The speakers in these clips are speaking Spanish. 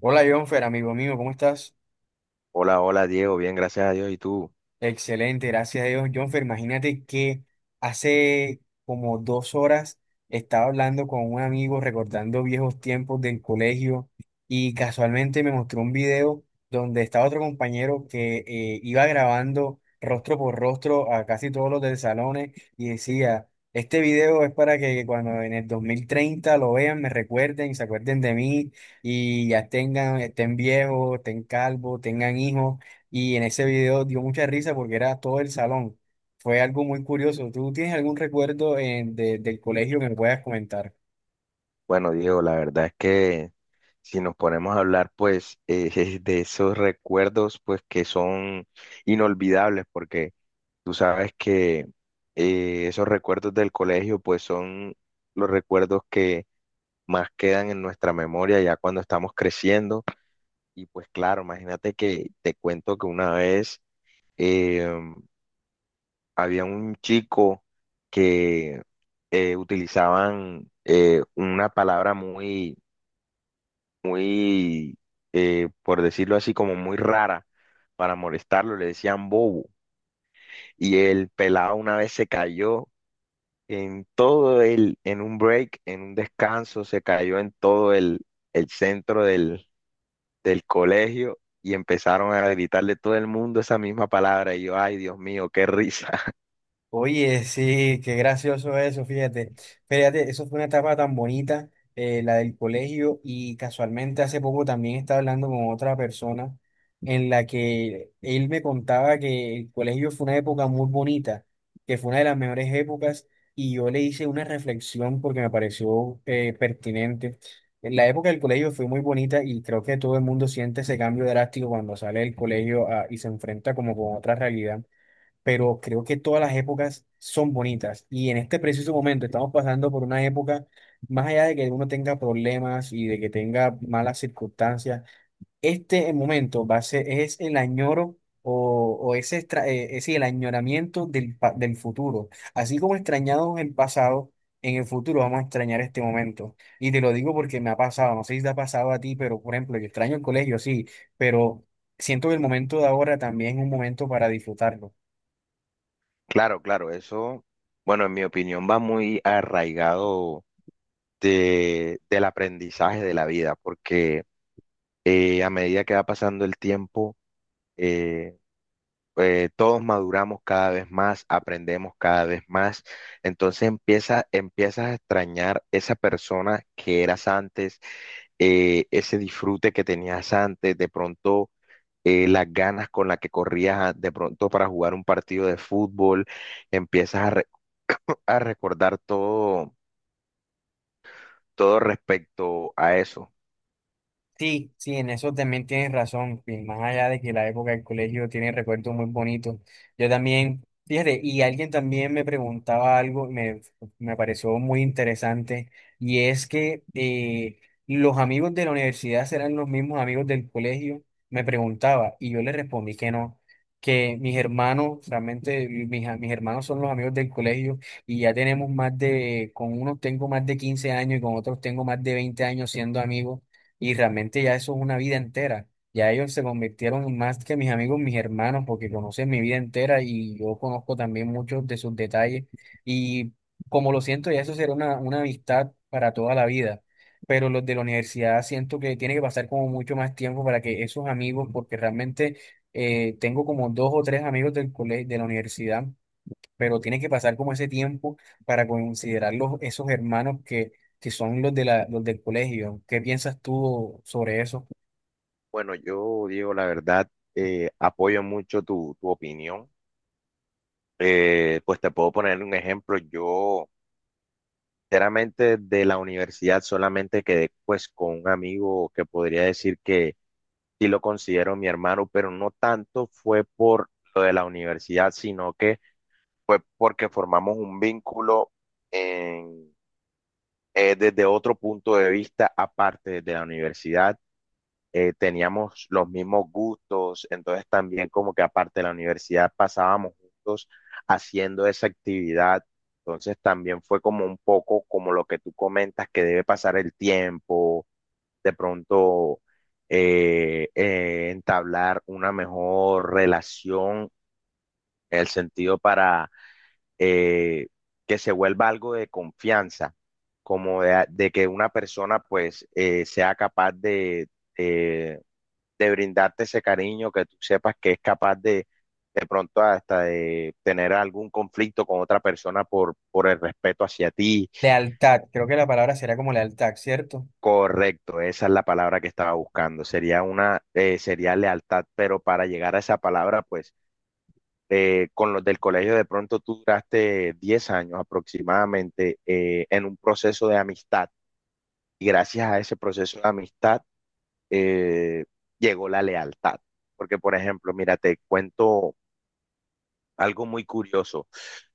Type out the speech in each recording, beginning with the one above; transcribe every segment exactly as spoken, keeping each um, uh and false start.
Hola, Jonfer, amigo mío, ¿cómo estás? Hola, hola Diego, bien, gracias a Dios. ¿Y tú? Excelente, gracias a Dios, Jonfer. Imagínate que hace como dos horas estaba hablando con un amigo recordando viejos tiempos del colegio y casualmente me mostró un video donde estaba otro compañero que eh, iba grabando rostro por rostro a casi todos los del salón y decía, este video es para que cuando en el dos mil treinta lo vean, me recuerden y se acuerden de mí y ya tengan, estén viejos, estén calvos, tengan hijos. Y en ese video dio mucha risa porque era todo el salón. Fue algo muy curioso. ¿Tú tienes algún recuerdo eh, de- del colegio que me puedas comentar? Bueno, Diego, la verdad es que si nos ponemos a hablar, pues, eh, de esos recuerdos, pues, que son inolvidables, porque tú sabes que eh, esos recuerdos del colegio, pues, son los recuerdos que más quedan en nuestra memoria ya cuando estamos creciendo. Y pues, claro, imagínate que te cuento que una vez, em, había un chico que eh, utilizaban eh, una palabra muy, muy, eh, por decirlo así, como muy rara para molestarlo, le decían bobo. Y el pelado una vez se cayó en todo el, en un break, en un descanso, se cayó en todo el, el centro del, del colegio. Y empezaron a gritarle todo el mundo esa misma palabra. Y yo, ay, Dios mío, qué risa. Oye, sí, qué gracioso eso, fíjate. Fíjate, eso fue una etapa tan bonita, eh, la del colegio, y casualmente hace poco también estaba hablando con otra persona en la que él me contaba que el colegio fue una época muy bonita, que fue una de las mejores épocas, y yo le hice una reflexión porque me pareció eh, pertinente. En la época del colegio fue muy bonita y creo que todo el mundo siente ese cambio drástico cuando sale del colegio ah, y se enfrenta como con otra realidad, pero creo que todas las épocas son bonitas y en este preciso momento estamos pasando por una época, más allá de que uno tenga problemas y de que tenga malas circunstancias, este momento va a ser, es el añoro o, o ese, extra- eh, ese el añoramiento del, pa- del futuro. Así como extrañamos el pasado, en el futuro vamos a extrañar este momento. Y te lo digo porque me ha pasado, no sé si te ha pasado a ti, pero por ejemplo, yo extraño el colegio, sí, pero siento que el momento de ahora también es un momento para disfrutarlo. Claro, claro, eso, bueno, en mi opinión va muy arraigado de, del aprendizaje de la vida, porque eh, a medida que va pasando el tiempo, eh, eh, todos maduramos cada vez más, aprendemos cada vez más, entonces empieza, empiezas a extrañar esa persona que eras antes, eh, ese disfrute que tenías antes, de pronto eh, las ganas con las que corrías a- de pronto para jugar un partido de fútbol empiezas a a recordar todo, todo respecto a eso. Sí, sí, en eso también tienes razón. y Más allá de que la época del colegio tiene recuerdos muy bonitos. Yo también, fíjate, y alguien también me preguntaba algo, me, me pareció muy interesante, y es que eh, los amigos de la universidad serán los mismos amigos del colegio, me preguntaba, y yo le respondí que no, que mis hermanos, realmente mis, a- mis hermanos son los amigos del colegio, y ya tenemos más de, con unos tengo más de quince años y con otros tengo más de veinte años siendo amigos y realmente ya eso es una vida entera. Ya ellos se convirtieron en más que mis amigos, mis hermanos, porque conocen mi vida entera y yo conozco también muchos de sus detalles. Y como lo siento, ya eso será una, una amistad para toda la vida. Pero los de la universidad siento que tiene que pasar como mucho más tiempo para que esos amigos, porque realmente eh, tengo como dos o tres amigos del colegio, de la universidad, pero tiene que pasar como ese tiempo para considerar los, esos hermanos que, que son los de la, los del colegio. ¿Qué piensas tú sobre eso? Bueno, yo digo la verdad, eh, apoyo mucho tu, tu opinión. Eh, pues te puedo poner un ejemplo. Yo, sinceramente, de la universidad solamente quedé pues con un amigo que podría decir que sí lo considero mi hermano, pero no tanto fue por lo de la universidad, sino que fue porque formamos un vínculo en, eh, desde otro punto de vista aparte de la universidad eh, teníamos los mismos gustos, entonces también como que aparte de la universidad pasábamos juntos haciendo esa actividad, entonces también fue como un poco como lo que tú comentas, que debe pasar el tiempo, de pronto eh, eh, entablar una mejor relación, el sentido para eh, que se vuelva algo de confianza, como de, de que una persona pues eh, sea capaz de... eh, de brindarte ese cariño, que tú sepas que es capaz de, de pronto hasta de tener algún conflicto con otra persona por, por el respeto hacia ti. Lealtad, creo que la palabra será como lealtad, ¿cierto? Correcto, esa es la palabra que estaba buscando. Sería una, eh, sería lealtad, pero para llegar a esa palabra, pues eh, con los del colegio de pronto tú duraste diez años aproximadamente eh, en un proceso de amistad y gracias a ese proceso de amistad eh, llegó la lealtad. Porque, por ejemplo, mira, te cuento algo muy curioso.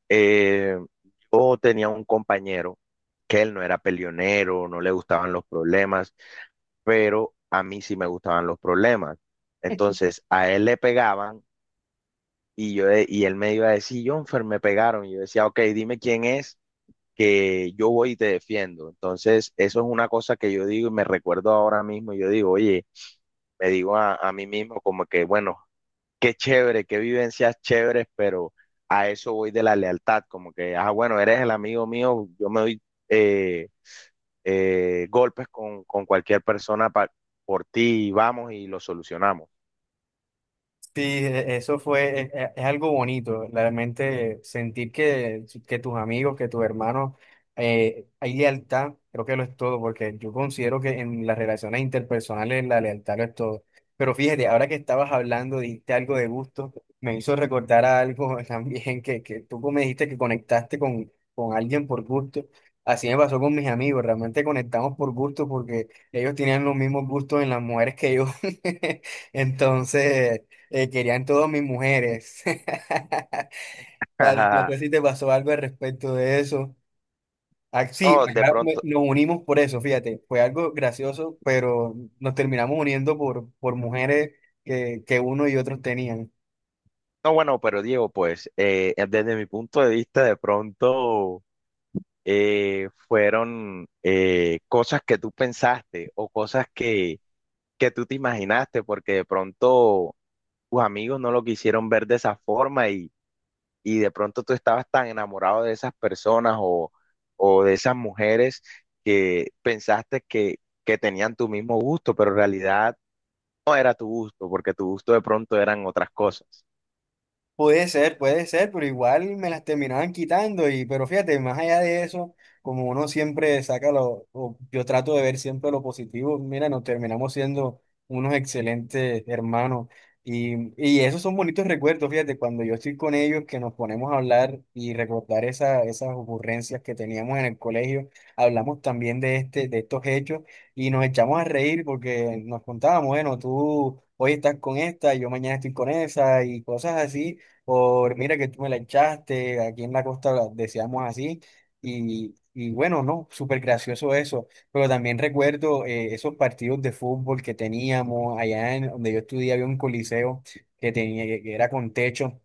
Eh, yo tenía un compañero que él no era peleonero, no le gustaban los problemas, pero a mí sí me gustaban los problemas. Entonces, a él le pegaban y yo de- y él me iba a decir, Jonfer, me pegaron. Y yo decía, ok, dime quién es, que yo voy y te defiendo. Entonces, eso es una cosa que yo digo y me recuerdo ahora mismo. Yo digo, oye, me digo a, a mí mismo como que, bueno, qué chévere, qué vivencias chéveres, pero a eso voy de la lealtad, como que, ah, bueno, eres el amigo mío, yo me doy eh, eh, golpes con, con cualquier persona pa- por ti, y vamos y lo solucionamos. Sí, e- eso fue, e- e- es, algo bonito, realmente sentir que, que tus amigos, que tus hermanos, eh, hay lealtad, creo que lo es todo, porque yo considero que en las relaciones interpersonales la lealtad lo es todo. Pero fíjate, ahora que estabas hablando, dijiste algo de gusto, me hizo recordar a algo también que, que tú me dijiste que conectaste con, con alguien por gusto. Así me pasó con mis amigos, realmente conectamos por gusto porque ellos tenían los mismos gustos en las mujeres que yo. Entonces... Eh, querían todas mis mujeres. Tal, No sé si te pasó algo al respecto de eso. Ah, sí, No, de acá me- pronto, nos unimos por eso, fíjate. Fue algo gracioso, pero nos terminamos uniendo por, por mujeres que, que uno y otros tenían. no, bueno, pero Diego, pues eh, desde mi punto de vista, de pronto eh, fueron eh, cosas que tú pensaste o cosas que, que tú te imaginaste, porque de pronto tus amigos no lo quisieron ver de esa forma y de pronto tú estabas tan enamorado de esas personas o, o de esas mujeres que pensaste que, que tenían tu mismo gusto, pero en realidad no era tu gusto, porque tu gusto de pronto eran otras cosas. Puede ser, puede ser, pero igual me las terminaban quitando y, pero fíjate, más allá de eso, como uno siempre saca lo, o yo trato de ver siempre lo positivo, mira, nos terminamos siendo unos excelentes hermanos y, y esos son bonitos recuerdos, fíjate, cuando yo estoy con ellos que nos ponemos a hablar y recordar esa, esas ocurrencias que teníamos en el colegio, hablamos también de este, de estos hechos y nos echamos a reír porque nos contábamos, bueno, tú hoy estás con esta, yo mañana estoy con esa y cosas así, por mira que tú me la echaste, aquí en la costa la decíamos así, y, y bueno, no, súper gracioso eso, pero también recuerdo eh, esos partidos de fútbol que teníamos allá en donde yo estudié, había un coliseo que tenía, que era con techo.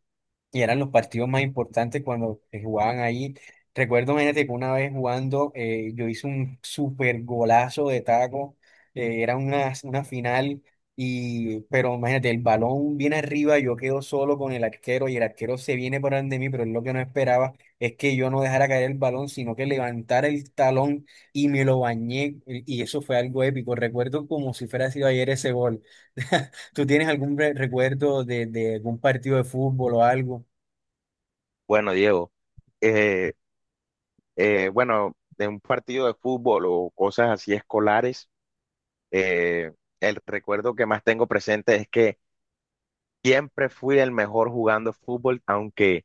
Y eran los partidos más importantes cuando se jugaban ahí. Recuerdo, imagínate que una vez jugando, eh, yo hice un super golazo de taco. eh, era una, una final, y, pero imagínate, el balón viene arriba, yo quedo solo con el arquero y el arquero se viene por delante de mí, pero él lo que no esperaba es que yo no dejara caer el balón, sino que levantara el talón y me lo bañé. Y y eso fue algo épico. Recuerdo como si fuera sido ayer ese gol. ¿Tú tienes algún re- recuerdo de, de algún partido de fútbol o algo? Bueno, Diego, eh, eh, bueno, de un partido de fútbol o cosas así escolares, eh, el recuerdo que más tengo presente es que siempre fui el mejor jugando fútbol, aunque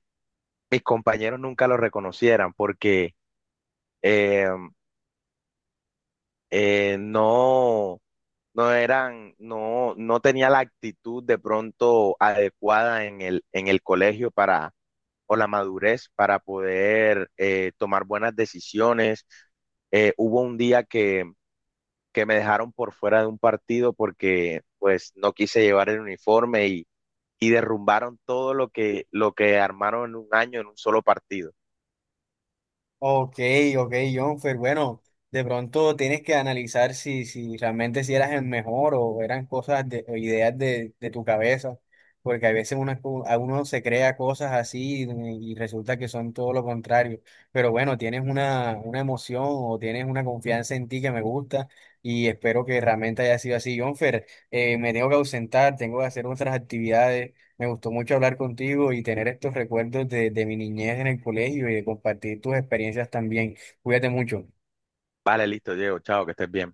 mis compañeros nunca lo reconocieran, porque... em, eh, no, no eran, no, no, tenía la actitud de pronto adecuada en el, en el colegio para, o la madurez para poder eh, tomar buenas decisiones. Eh, hubo un día que, que me dejaron por fuera de un partido porque pues no quise llevar el uniforme y, y derrumbaron todo lo que, lo que armaron en un año en un solo partido. Ok, ok, Jonfer. Bueno, de pronto tienes que analizar si, si realmente si eras el mejor o eran cosas de, o ideas de, de tu cabeza, porque a veces uno, a uno se crea cosas así y, y resulta que son todo lo contrario. Pero bueno, tienes una, una emoción o tienes una confianza en ti que me gusta y espero que realmente haya sido así, Jonfer. Eh, me tengo que ausentar, tengo que hacer otras actividades. Me gustó mucho hablar contigo y tener estos recuerdos de, de mi niñez en el colegio y de compartir tus experiencias también. Cuídate mucho. Vale, listo, Diego, chao, que estés bien.